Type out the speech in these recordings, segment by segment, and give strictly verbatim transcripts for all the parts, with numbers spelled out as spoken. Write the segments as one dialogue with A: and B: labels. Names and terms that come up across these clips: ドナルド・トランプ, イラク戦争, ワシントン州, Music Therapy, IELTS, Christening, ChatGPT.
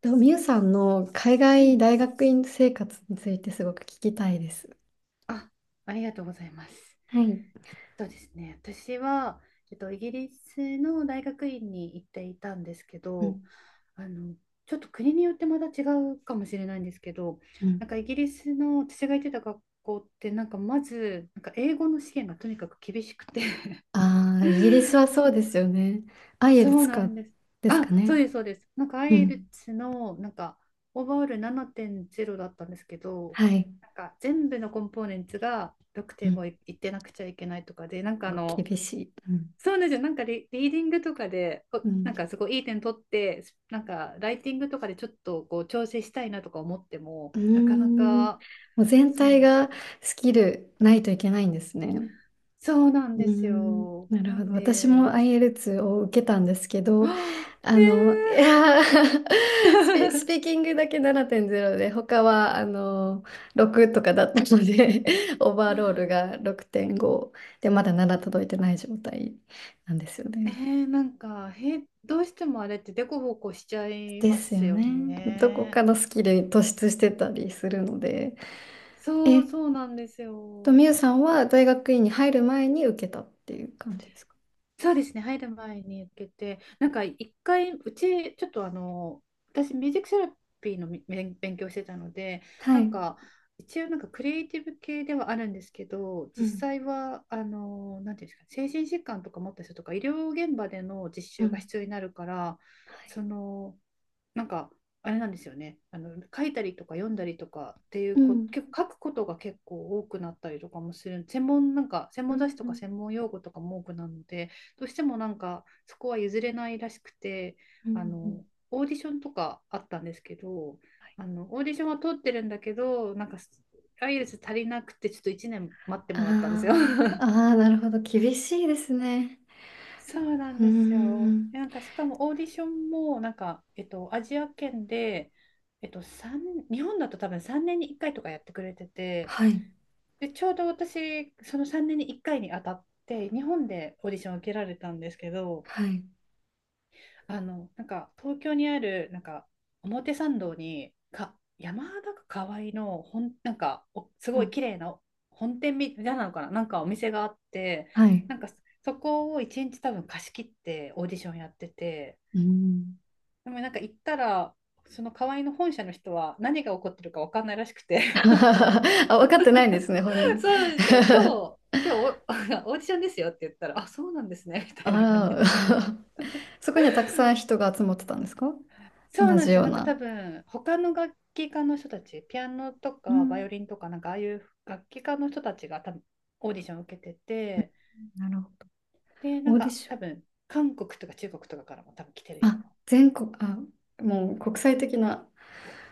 A: と、みゆさんの海
B: は
A: 外
B: い。
A: 大学院生活についてすごく聞きたいです。
B: あ、ありがとうございます。
A: はい。
B: えっとですね、私は、えっと、イギリスの大学院に行っていたんですけ
A: う
B: ど、
A: ん。
B: あの、ちょっと国によってまた違うかもしれないんですけど、
A: う
B: なん
A: ん。
B: かイギリスの私が行ってた学校って、なんかまず、なんか英語の試験がとにかく厳しくて
A: ああ、イ ギリスはそうですよね。アイエ
B: そ
A: ル
B: う
A: ツ
B: な
A: か、
B: んです。
A: です
B: あ、
A: か
B: そ
A: ね。
B: うです、そうです。なんか
A: う
B: i イ l
A: ん。
B: t のなんかオーバーオールななてんれいだったんですけど、
A: はい。
B: なんか全部のコンポーネンツが
A: う
B: ろくてんご
A: ん。
B: いいってなくちゃいけないとかで、なんか
A: お
B: あの、
A: 厳しい。うん。
B: そうなんですよ。なんかリ、リーディングとかで、
A: う
B: こなん
A: ん。
B: かすごいいい点取って、なんかライティングとかでちょっとこう調整したいなとか思っても、
A: うー
B: なかな
A: ん。
B: か、
A: もう全
B: そうな
A: 体
B: んです
A: が
B: よ。
A: スキルないといけないんですね。
B: そうなん
A: う
B: で
A: ー
B: す
A: ん、
B: よ。
A: なる
B: な
A: ほ
B: ん
A: ど。私も
B: です。
A: i l t s を受けたんですけど、
B: はあ
A: あ
B: ー
A: の、い
B: え
A: やー スピ、スピー
B: ー
A: キングだけななてんゼロで、他はあのろくとかだったので、オーバーロー ルがろくてんごで、まだなな届いてない状態なんですよね。
B: ねえ、なんか、へ、どうしてもあれってデコボコしちゃい
A: で
B: ま
A: す
B: す
A: よ
B: よ
A: ね。どこか
B: ね。
A: のスキルに突出してたりするので。え
B: そう、
A: っ
B: そうなんです
A: と、
B: よ。
A: みゆさんは大学院に入る前に受けたっていう感じですか？
B: そうですね、入る前に行けて、なんか一回、うち、ちょっとあの、私、ミュージックセラピーのみ勉勉強してたので、
A: は
B: なん
A: い。
B: か、一応なんかクリエイティブ系ではあるんですけど、
A: う
B: 実
A: ん。
B: 際は、あの、なんていうんですか、精神疾患とか持った人とか、医療現場での実
A: う
B: 習が
A: ん。
B: 必要になるから、その、なんかあれなんですよねあの書いたりとか読んだりとかってい
A: う
B: うこ
A: ん。
B: 結構書くことが結構多くなったりとかもする専門なんか専
A: う
B: 門雑誌とか
A: ん。
B: 専門用語とかも多くなるのでどうしてもなんかそこは譲れないらしくて
A: う
B: あ
A: んうん。
B: のオーディションとかあったんですけどあのオーディションは通ってるんだけどなんかアイ l ルツ足りなくてちょっといちねん待って
A: あ
B: もらったんですよ。
A: あ、あ あ、なるほど。厳しいですね。
B: そうなん
A: うー
B: ですよ。
A: ん。
B: えなんかしかもオーディションもなんか、えっと、アジア圏で、えっと、三日本だと多分さんねんにいっかいとかやってくれてて
A: はい。
B: でちょうど私そのさんねんにいっかいに当たって日本でオーディションを受けられたんですけど
A: はい。
B: あの、なんか東京にある、なんか表参道に、か、山田か河合の本、なんかおす
A: う
B: ごい
A: ん。
B: 綺麗な本店みたいなのかな、なんかお店があって、
A: はい。
B: なんかそこを一日多分貸し切ってオーディションやってて、
A: うん。
B: でもなんか行ったら、その河合の本社の人は何が起こってるか分かんないらしくて、なんか、
A: あ、分かってないんですね、本人。
B: そうなんですよ、今日、今日お オーディションですよって言ったら、あ、そうなんですね、みたい
A: あ
B: な感じ
A: ら。
B: で。
A: そこにはたくさん人が集まってたんですか？
B: そう
A: 同
B: なんで
A: じ
B: す
A: よ
B: よ。
A: う
B: なんか多
A: な。
B: 分他の楽器家の人たち、ピアノと
A: う
B: かバイオ
A: ん。
B: リンとかなんかああいう楽器家の人たちが多分オーディションを受けてて、
A: なるほど。
B: で、な
A: オ
B: ん
A: ーディ
B: か
A: ショ
B: 多
A: ン。
B: 分韓国とか中国とかからも多分来てるよう
A: あ、
B: な。
A: 全国、あ、もう国際的な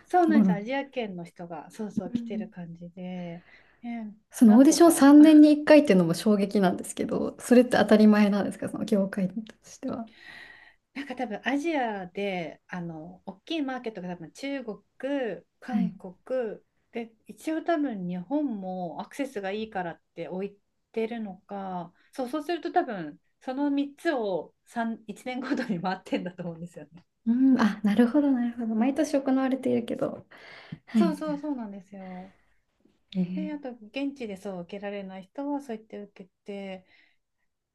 B: そう
A: と
B: な
A: こ
B: んです
A: ろ。
B: よ。アジア圏の人がそうそう
A: う
B: 来てる
A: ん。
B: 感じで、ね
A: その
B: な
A: オー
B: ん
A: ディ
B: と
A: ション
B: か
A: さんねんにいっかいっていうのも衝撃なんですけど、それって当たり前なんですか、その業界としては？
B: なんか多分アジアであの大きいマーケットが多分中国、
A: は
B: 韓
A: い。
B: 国で一応多分日本もアクセスがいいからって置いてるのかそう、そうすると多分そのみっつをさん、いちねんごとに回ってんだと思うんですよね。
A: うん、あ、なるほど、なるほど。毎年行われているけど。は
B: そう
A: い。
B: そうそうなんですよ。
A: え
B: で、
A: ー、
B: あと現地でそう受けられない人はそう言って受けて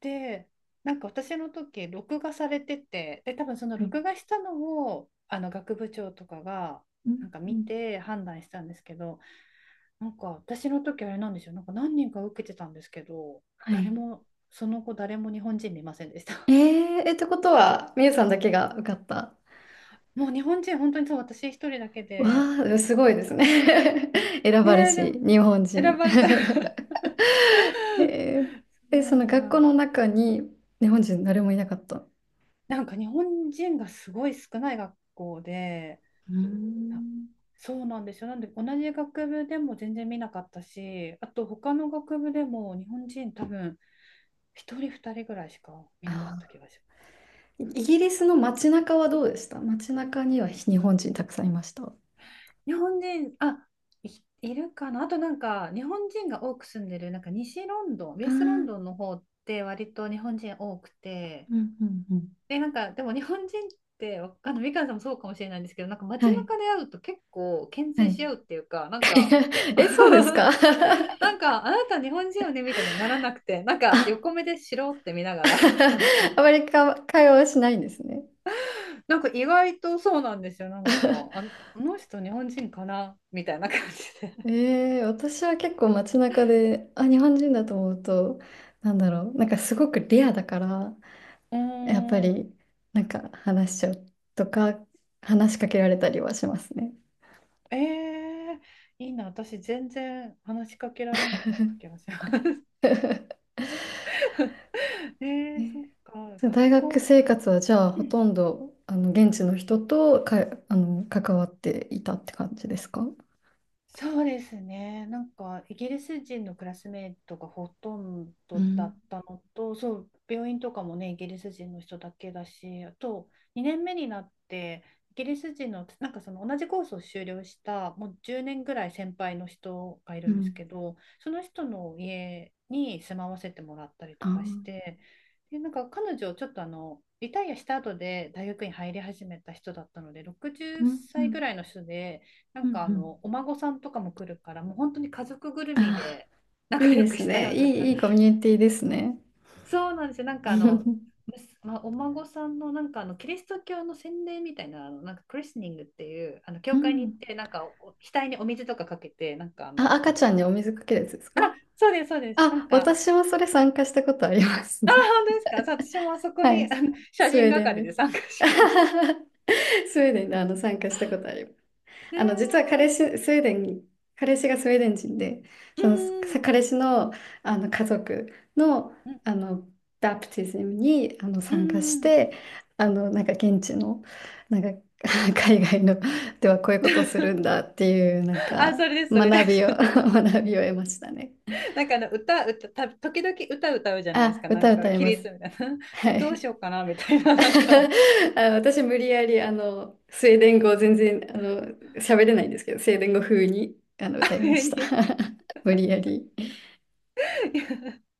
B: で、なんか私の時、録画されてて、で、多分その
A: はい。
B: 録画したのを、あの学部長とかが、
A: うん、
B: なんか
A: う
B: 見
A: ん、
B: て判断したんですけど、なんか私の時あれなんですよ、なんか何人か受けてたんですけど、
A: は
B: 誰
A: い。
B: も、その後誰も日本人見ませんでした。
A: えー、え、ってことは、みゆさんだけが受かった？
B: もう日本人、本当にそう、私一人だけ
A: わ
B: で、
A: あ、すごいですね。選
B: ね
A: ばれ
B: え、で
A: し、
B: も、
A: 日本
B: 選
A: 人。
B: ばれたら
A: えー、え、その
B: そう
A: 学
B: な
A: 校
B: ん、
A: の中に日本人誰もいなかった？う
B: なんか日本人がすごい少ない学校で、
A: ー
B: や
A: ん。
B: そうなんですよ。なんで同じ学部でも全然見なかったし、あと他の学部でも日本人多分一人二人ぐらいしか見なか
A: あ
B: った気がします。
A: ー、イギリスの街中はどうでした？街中には日本人たくさんいました？あ
B: 日本人、あ、い、いるかな。あとなんか、日本人が多く住んでる、なんか西ロンドン、ウ
A: あ、う
B: ェストロン
A: ん
B: ドンの方って割と日本人多くて、
A: うんうん。
B: で、なんか、でも日本人って、わあの、みかんさんもそうかもしれないんですけど、なんか
A: は
B: 街
A: い。
B: 中で会うと結構牽
A: は
B: 制
A: い
B: し合うっていうか、なんか
A: え、そうですか？
B: な んか、あなた日本人よねみたいにはならなくて、なんか
A: あ、
B: 横目でしろって見ながら、なん か、
A: あまりか会話はしないんですね。
B: なんか意外とそうなんですよ。なんか、あ、この人日本人かなみたいな感じで。
A: えー、私は結構街中で、あ、日本人だと思うと、なんだろう、なんかすごくレアだから、
B: うー
A: やっぱ
B: ん。
A: り、なんか話しちゃうとか、話しかけられたりはしますね。
B: えー、いいな。私全然話しかけられなかった気がします。え
A: え
B: ー、そっ
A: ー
B: か。
A: そう
B: 学
A: 大学
B: 校。
A: 生活はじゃあ、ほとんど、あの、現地の人とか、あの、関わっていたって感じですか？
B: そうですね。なんか、イギリス人のクラスメイトがほとん
A: う
B: どだ
A: ん、
B: ったのと、そう、病院とかもね、イギリス人の人だけだし、あと、にねんめになって、イギリス人の、なんかその同じコースを修了した、もうじゅうねんぐらい先輩の人がい
A: う
B: るんです
A: ん、
B: けど、その人の家に住まわせてもらったり
A: あ
B: とかし
A: ー、
B: て、で、なんか彼女、ちょっとあの、リタイアした後で大学に入り始めた人だったので、60
A: うん、う
B: 歳
A: ん、
B: ぐらいの人で、な
A: うん、
B: んかあ
A: うん。
B: の、お孫さんとかも来るから、もう本当に家族ぐるみ
A: あ
B: で
A: ーい
B: 仲
A: いで
B: 良く
A: す
B: した
A: ね。
B: ような
A: いい、
B: 感
A: いい
B: じ。
A: コミュニティですね。
B: そうなんですよ。なんかあの、むすまあ、お孫さんのなんかあのキリスト教の洗礼みたいなあのなんかクリスニングっていうあの
A: う
B: 教会に行っ
A: ん。
B: てなんかお額にお水とかかけてなんかあ
A: あ、
B: の
A: 赤ちゃんにお水かけるやつですか？
B: そうですそうですなん
A: あ、
B: かあ
A: 私もそれ参加したことあります。
B: 本当ですかそう私もあそ こ
A: は
B: にあ
A: い。
B: の写
A: スウ
B: 真
A: ェーデン
B: 係
A: で。
B: で参加しました
A: スウェーデンであの 参加したことあります。
B: ね
A: あの、実は彼
B: え
A: 氏、スウェーデン、彼氏がスウェーデン人で、
B: う
A: その
B: ん
A: 彼氏の、あの家族の、
B: うん
A: あのバプティズムにあの
B: うん
A: 参加し
B: うん
A: て、あのなんか現地の、なんか 海外のではこういうことをするんだ っていう、なん
B: あ
A: か
B: それですそれで
A: 学び
B: す
A: を 学びを得ましたね。
B: なんかあの歌歌た時々歌歌うじゃないです
A: あ、
B: かなん
A: 歌
B: か
A: 歌え
B: 起
A: ます。
B: 立みたいな
A: は
B: えどうし
A: い。
B: ようかなみたいな なんか
A: あの私無理やりあのスウェーデン語全然あの喋れないんですけどスウェーデン語風にあの
B: あ
A: 歌いま
B: れ
A: した
B: に
A: 無理やり、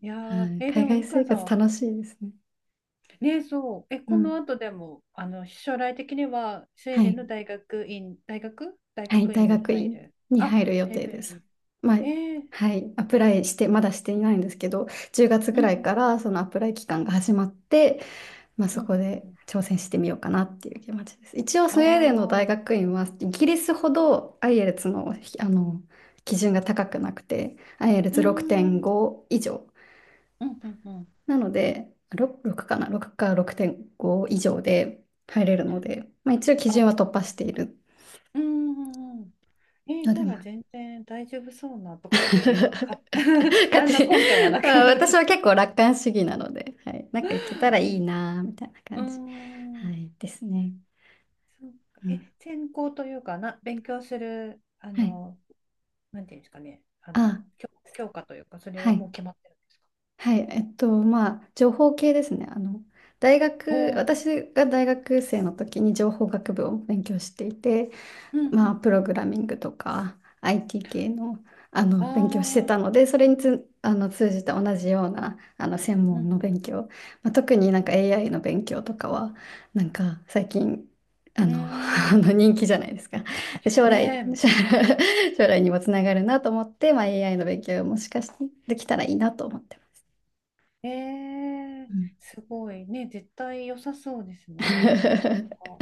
B: いや
A: は
B: ー
A: い、
B: えで
A: 海
B: も
A: 外
B: 美
A: 生
B: 香さん
A: 活
B: は
A: 楽しいですね、
B: ねそうえ
A: う
B: こ
A: ん、
B: の後でもあの将来的にはスウェ
A: は
B: ーデン
A: い
B: の大学院大学大
A: はい、
B: 学
A: 大
B: 院に
A: 学
B: 入
A: 院
B: る
A: に
B: あ
A: 入る予
B: 大
A: 定
B: 学
A: で
B: 院
A: す。
B: に
A: まあ、
B: えー、
A: はい、アプライしてまだしていないんですけど、じゅうがつ
B: う
A: ぐ
B: んう
A: ら
B: ん
A: いか
B: うん
A: らそのアプライ期間が始まって、まあ、
B: う
A: そ
B: んう
A: こ
B: ん
A: で
B: うん
A: 挑戦してみようかなっていう気持ちです。一応
B: あ
A: ス
B: あ
A: ウェーデンの大
B: ー
A: 学院はイギリスほど IELTS の、あの基準が高くなくて
B: うんうん
A: アイエルツろくてんご 以上
B: うんうんうん
A: なので ろく, ろくかなろくかろくてんご以上で入れるので、まあ、一応基
B: あ
A: 準は突破している
B: うんうんうんえー、
A: の
B: じ
A: で、
B: ゃ
A: ま
B: あ
A: あ、
B: 全然大丈夫そうなとかって 言うか
A: 勝
B: 何の
A: 手に
B: 根拠もなく
A: まあ私は 結構楽観主義なので、はい、なんか行けたらいい
B: う
A: なみたいな感じ、
B: ん、うー
A: は
B: ん
A: い、ですね。
B: そっか
A: うん、
B: え、専攻というかな、勉強する、あ
A: はい。
B: の、なんていうんですかね、あの、
A: あ、
B: 教、教科というか、それ
A: は
B: はも
A: い。
B: う決まってるんですか
A: はい、えっと、まあ、情報系ですね。あの、大
B: お
A: 学、
B: ー
A: 私が大学生の時に情報学部を勉強していて、
B: うんう
A: まあ、
B: ん
A: プ
B: う
A: ロ
B: ん。
A: グラミングとか アイティー 系の、あの、
B: あ
A: 勉強してたの
B: あ、
A: で、それにつ、あの、通じた同じような、あの、専門の
B: うん
A: 勉強、まあ、特になんか エーアイ の勉強とかは、なんか最近、あ
B: うん
A: の、
B: うん。う
A: あ
B: ー
A: の
B: ん。
A: 人気じゃないですか。で将来、
B: ね
A: 将来 将来にもつながるなと思って、まあ、エーアイ の勉強もしかしてできたらいいなと思ってま
B: え、えー、
A: す。
B: すごいね、絶対良さそうです ね。えー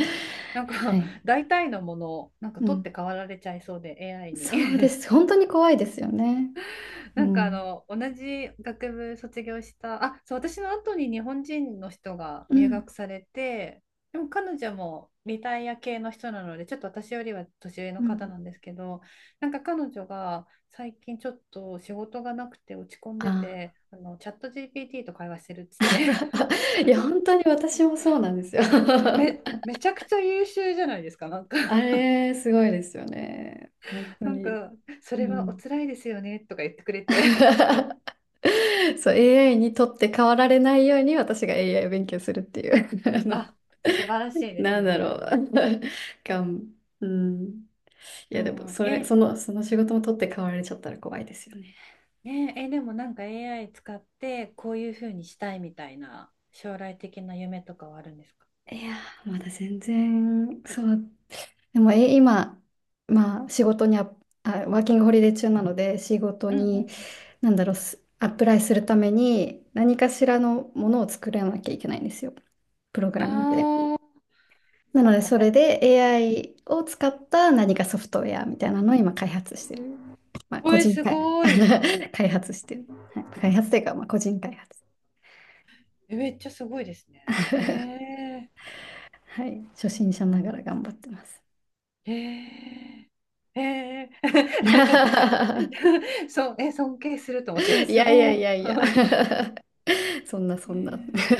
B: なん
A: は
B: か
A: い。
B: 大体のものをなんか
A: う
B: 取って
A: ん、
B: 代わられちゃいそうで エーアイ に
A: そうで す。本当に怖いですよね。う
B: なんかあ
A: ん、
B: の同じ学部卒業したあそう私の後に日本人の人が
A: う
B: 入学
A: ん、
B: されてでも彼女もリタイア系の人なのでちょっと私よりは年上
A: う
B: の方
A: ん。
B: なんですけどなんか彼女が最近ちょっと仕事がなくて落ち込んで
A: あー
B: てあのチャット ジーピーティー と会話してるっつって
A: いや、本当に私もそうなんですよ。
B: め、めちゃくちゃ優秀じゃないですかなんか
A: あ れ、すごいですよね。本当
B: なん
A: に。
B: かそ
A: う
B: れはお
A: ん。
B: 辛いですよねとか言ってくれて
A: そう、エーアイ にとって変わられないように私が エーアイ を勉強するっていう。あの、
B: あ、素晴らしいです
A: なんだろう。
B: ね。
A: がん、うん。い
B: う
A: や、で
B: ん
A: も、
B: うん、
A: それ、
B: え、
A: その、その仕事も取って代わられちゃったら怖いですよね。
B: ねえ、え、でもなんか エーアイ 使ってこういうふうにしたいみたいな将来的な夢とかはあるんですか
A: いやー、まだ全然、そう、でも、え、今、まあ、仕事にあ、あ、ワーキングホリデー中なので、仕事
B: うんうんう
A: に、
B: ん。
A: なんだろう、すアップライするために、何かしらのものを作らなきゃいけないんですよ。プログラミングで。
B: ああ、
A: な
B: そ
A: の
B: っ
A: で、
B: か、
A: そ
B: ポー
A: れ
B: ト。
A: で エーアイ を使った何かソフトウェアみたいなのを今開発してる。まあ、
B: お
A: 個
B: い、
A: 人
B: す
A: 開、
B: ごい。
A: 開発してる。はい、開発というか、まあ、個人開発。
B: えめっちゃすごいですね。へ え。
A: はい、初心者ながら
B: あ
A: 頑張ってます。
B: ーへえ。へえ。なんか、そう、え、尊敬すると思って、今
A: い
B: す
A: やいや
B: ご
A: い
B: い。
A: やいや そんな
B: へ
A: そんな。
B: え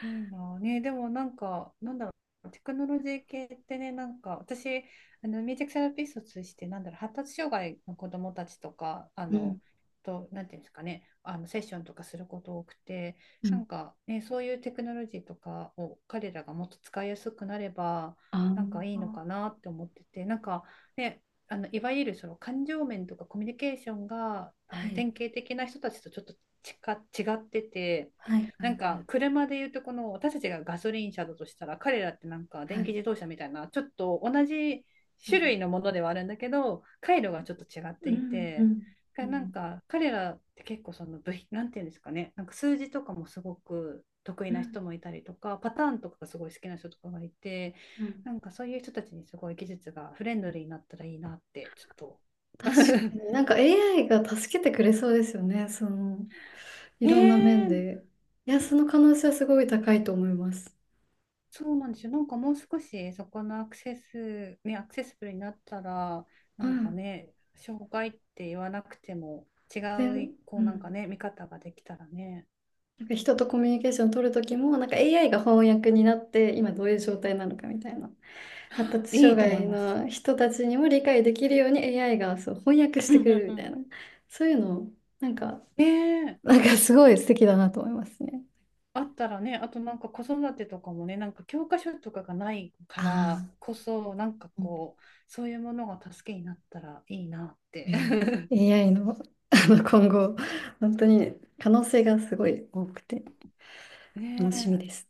B: いいなあね、でもなんか、なんだろう、テクノロジー系ってね、なんか、私、あのミュージックセラピストとして、なんだろう、発達障害の子どもたちとか、あ
A: う
B: の、
A: ん
B: と、なんていうんですかね、あのセッションとかすること多くて、
A: う
B: な
A: ん。
B: んか、ね、そういうテクノロジーとかを彼らがもっと使いやすくなれば、
A: あ
B: なんかいいの
A: あ、
B: かなって思ってて、なんか、ね、あのいわゆるその感情面とかコミュニケーションがあ
A: は
B: の
A: い。
B: 典型的な人たちとちょっとちか違ってて。
A: はいはい
B: な
A: は
B: んか
A: い
B: 車で言うとこの私たちがガソリン車だとしたら彼らってなんか
A: は
B: 電気
A: い。
B: 自動車みたいなちょっと同じ
A: う
B: 種
A: ん、
B: 類のものではあるんだけど回路がちょっと違っ
A: う
B: て
A: ん、
B: い
A: う
B: て
A: ん、う
B: だからなん
A: ん、
B: か彼らって結構その部品なんていうんですかねなんか数字とかもすごく得意
A: う
B: な
A: ん、
B: 人もいたりとかパターンとかがすごい好きな人とかがいて
A: うん。
B: なんかそういう人たちにすごい技術がフレンドリーになったらいいなってちょっと
A: 確かになんか エーアイ が助けてくれそうですよね。その、い
B: ね
A: ろんな面
B: え
A: で。いや、その可能性はすごい高いと思います。
B: そうなんですよ。なんかもう少しそこのアクセス、ね、アクセスブルになったら、な
A: う
B: んか
A: ん。
B: ね、障害って言わなくても違
A: 全、
B: う、こ
A: う
B: うなんか
A: ん。
B: ね、見方ができたらね、
A: なんか人とコミュニケーション取る時もなんか エーアイ が翻訳になって今どういう状態なのかみたいな、発達
B: い
A: 障
B: いと思い
A: 害
B: ます。
A: の人たちにも理解できるように エーアイ がそう翻訳し
B: う
A: てく
B: ん
A: れ
B: うん
A: る
B: う
A: みたい
B: ん。
A: な、そういうのなんか、
B: ねえ、
A: なんかすごい素敵だなと思いますね。
B: あったらね、あとなんか子育てとかもね、なんか教科書とかがないか
A: あ
B: ら
A: あ、
B: こそ、なんか
A: うん、
B: こう、そういうものが助けになったらいいなって。
A: いや、エーアイ の、あの今後本当に可能性がすごい多くて
B: ね
A: 楽しみで
B: え。
A: す。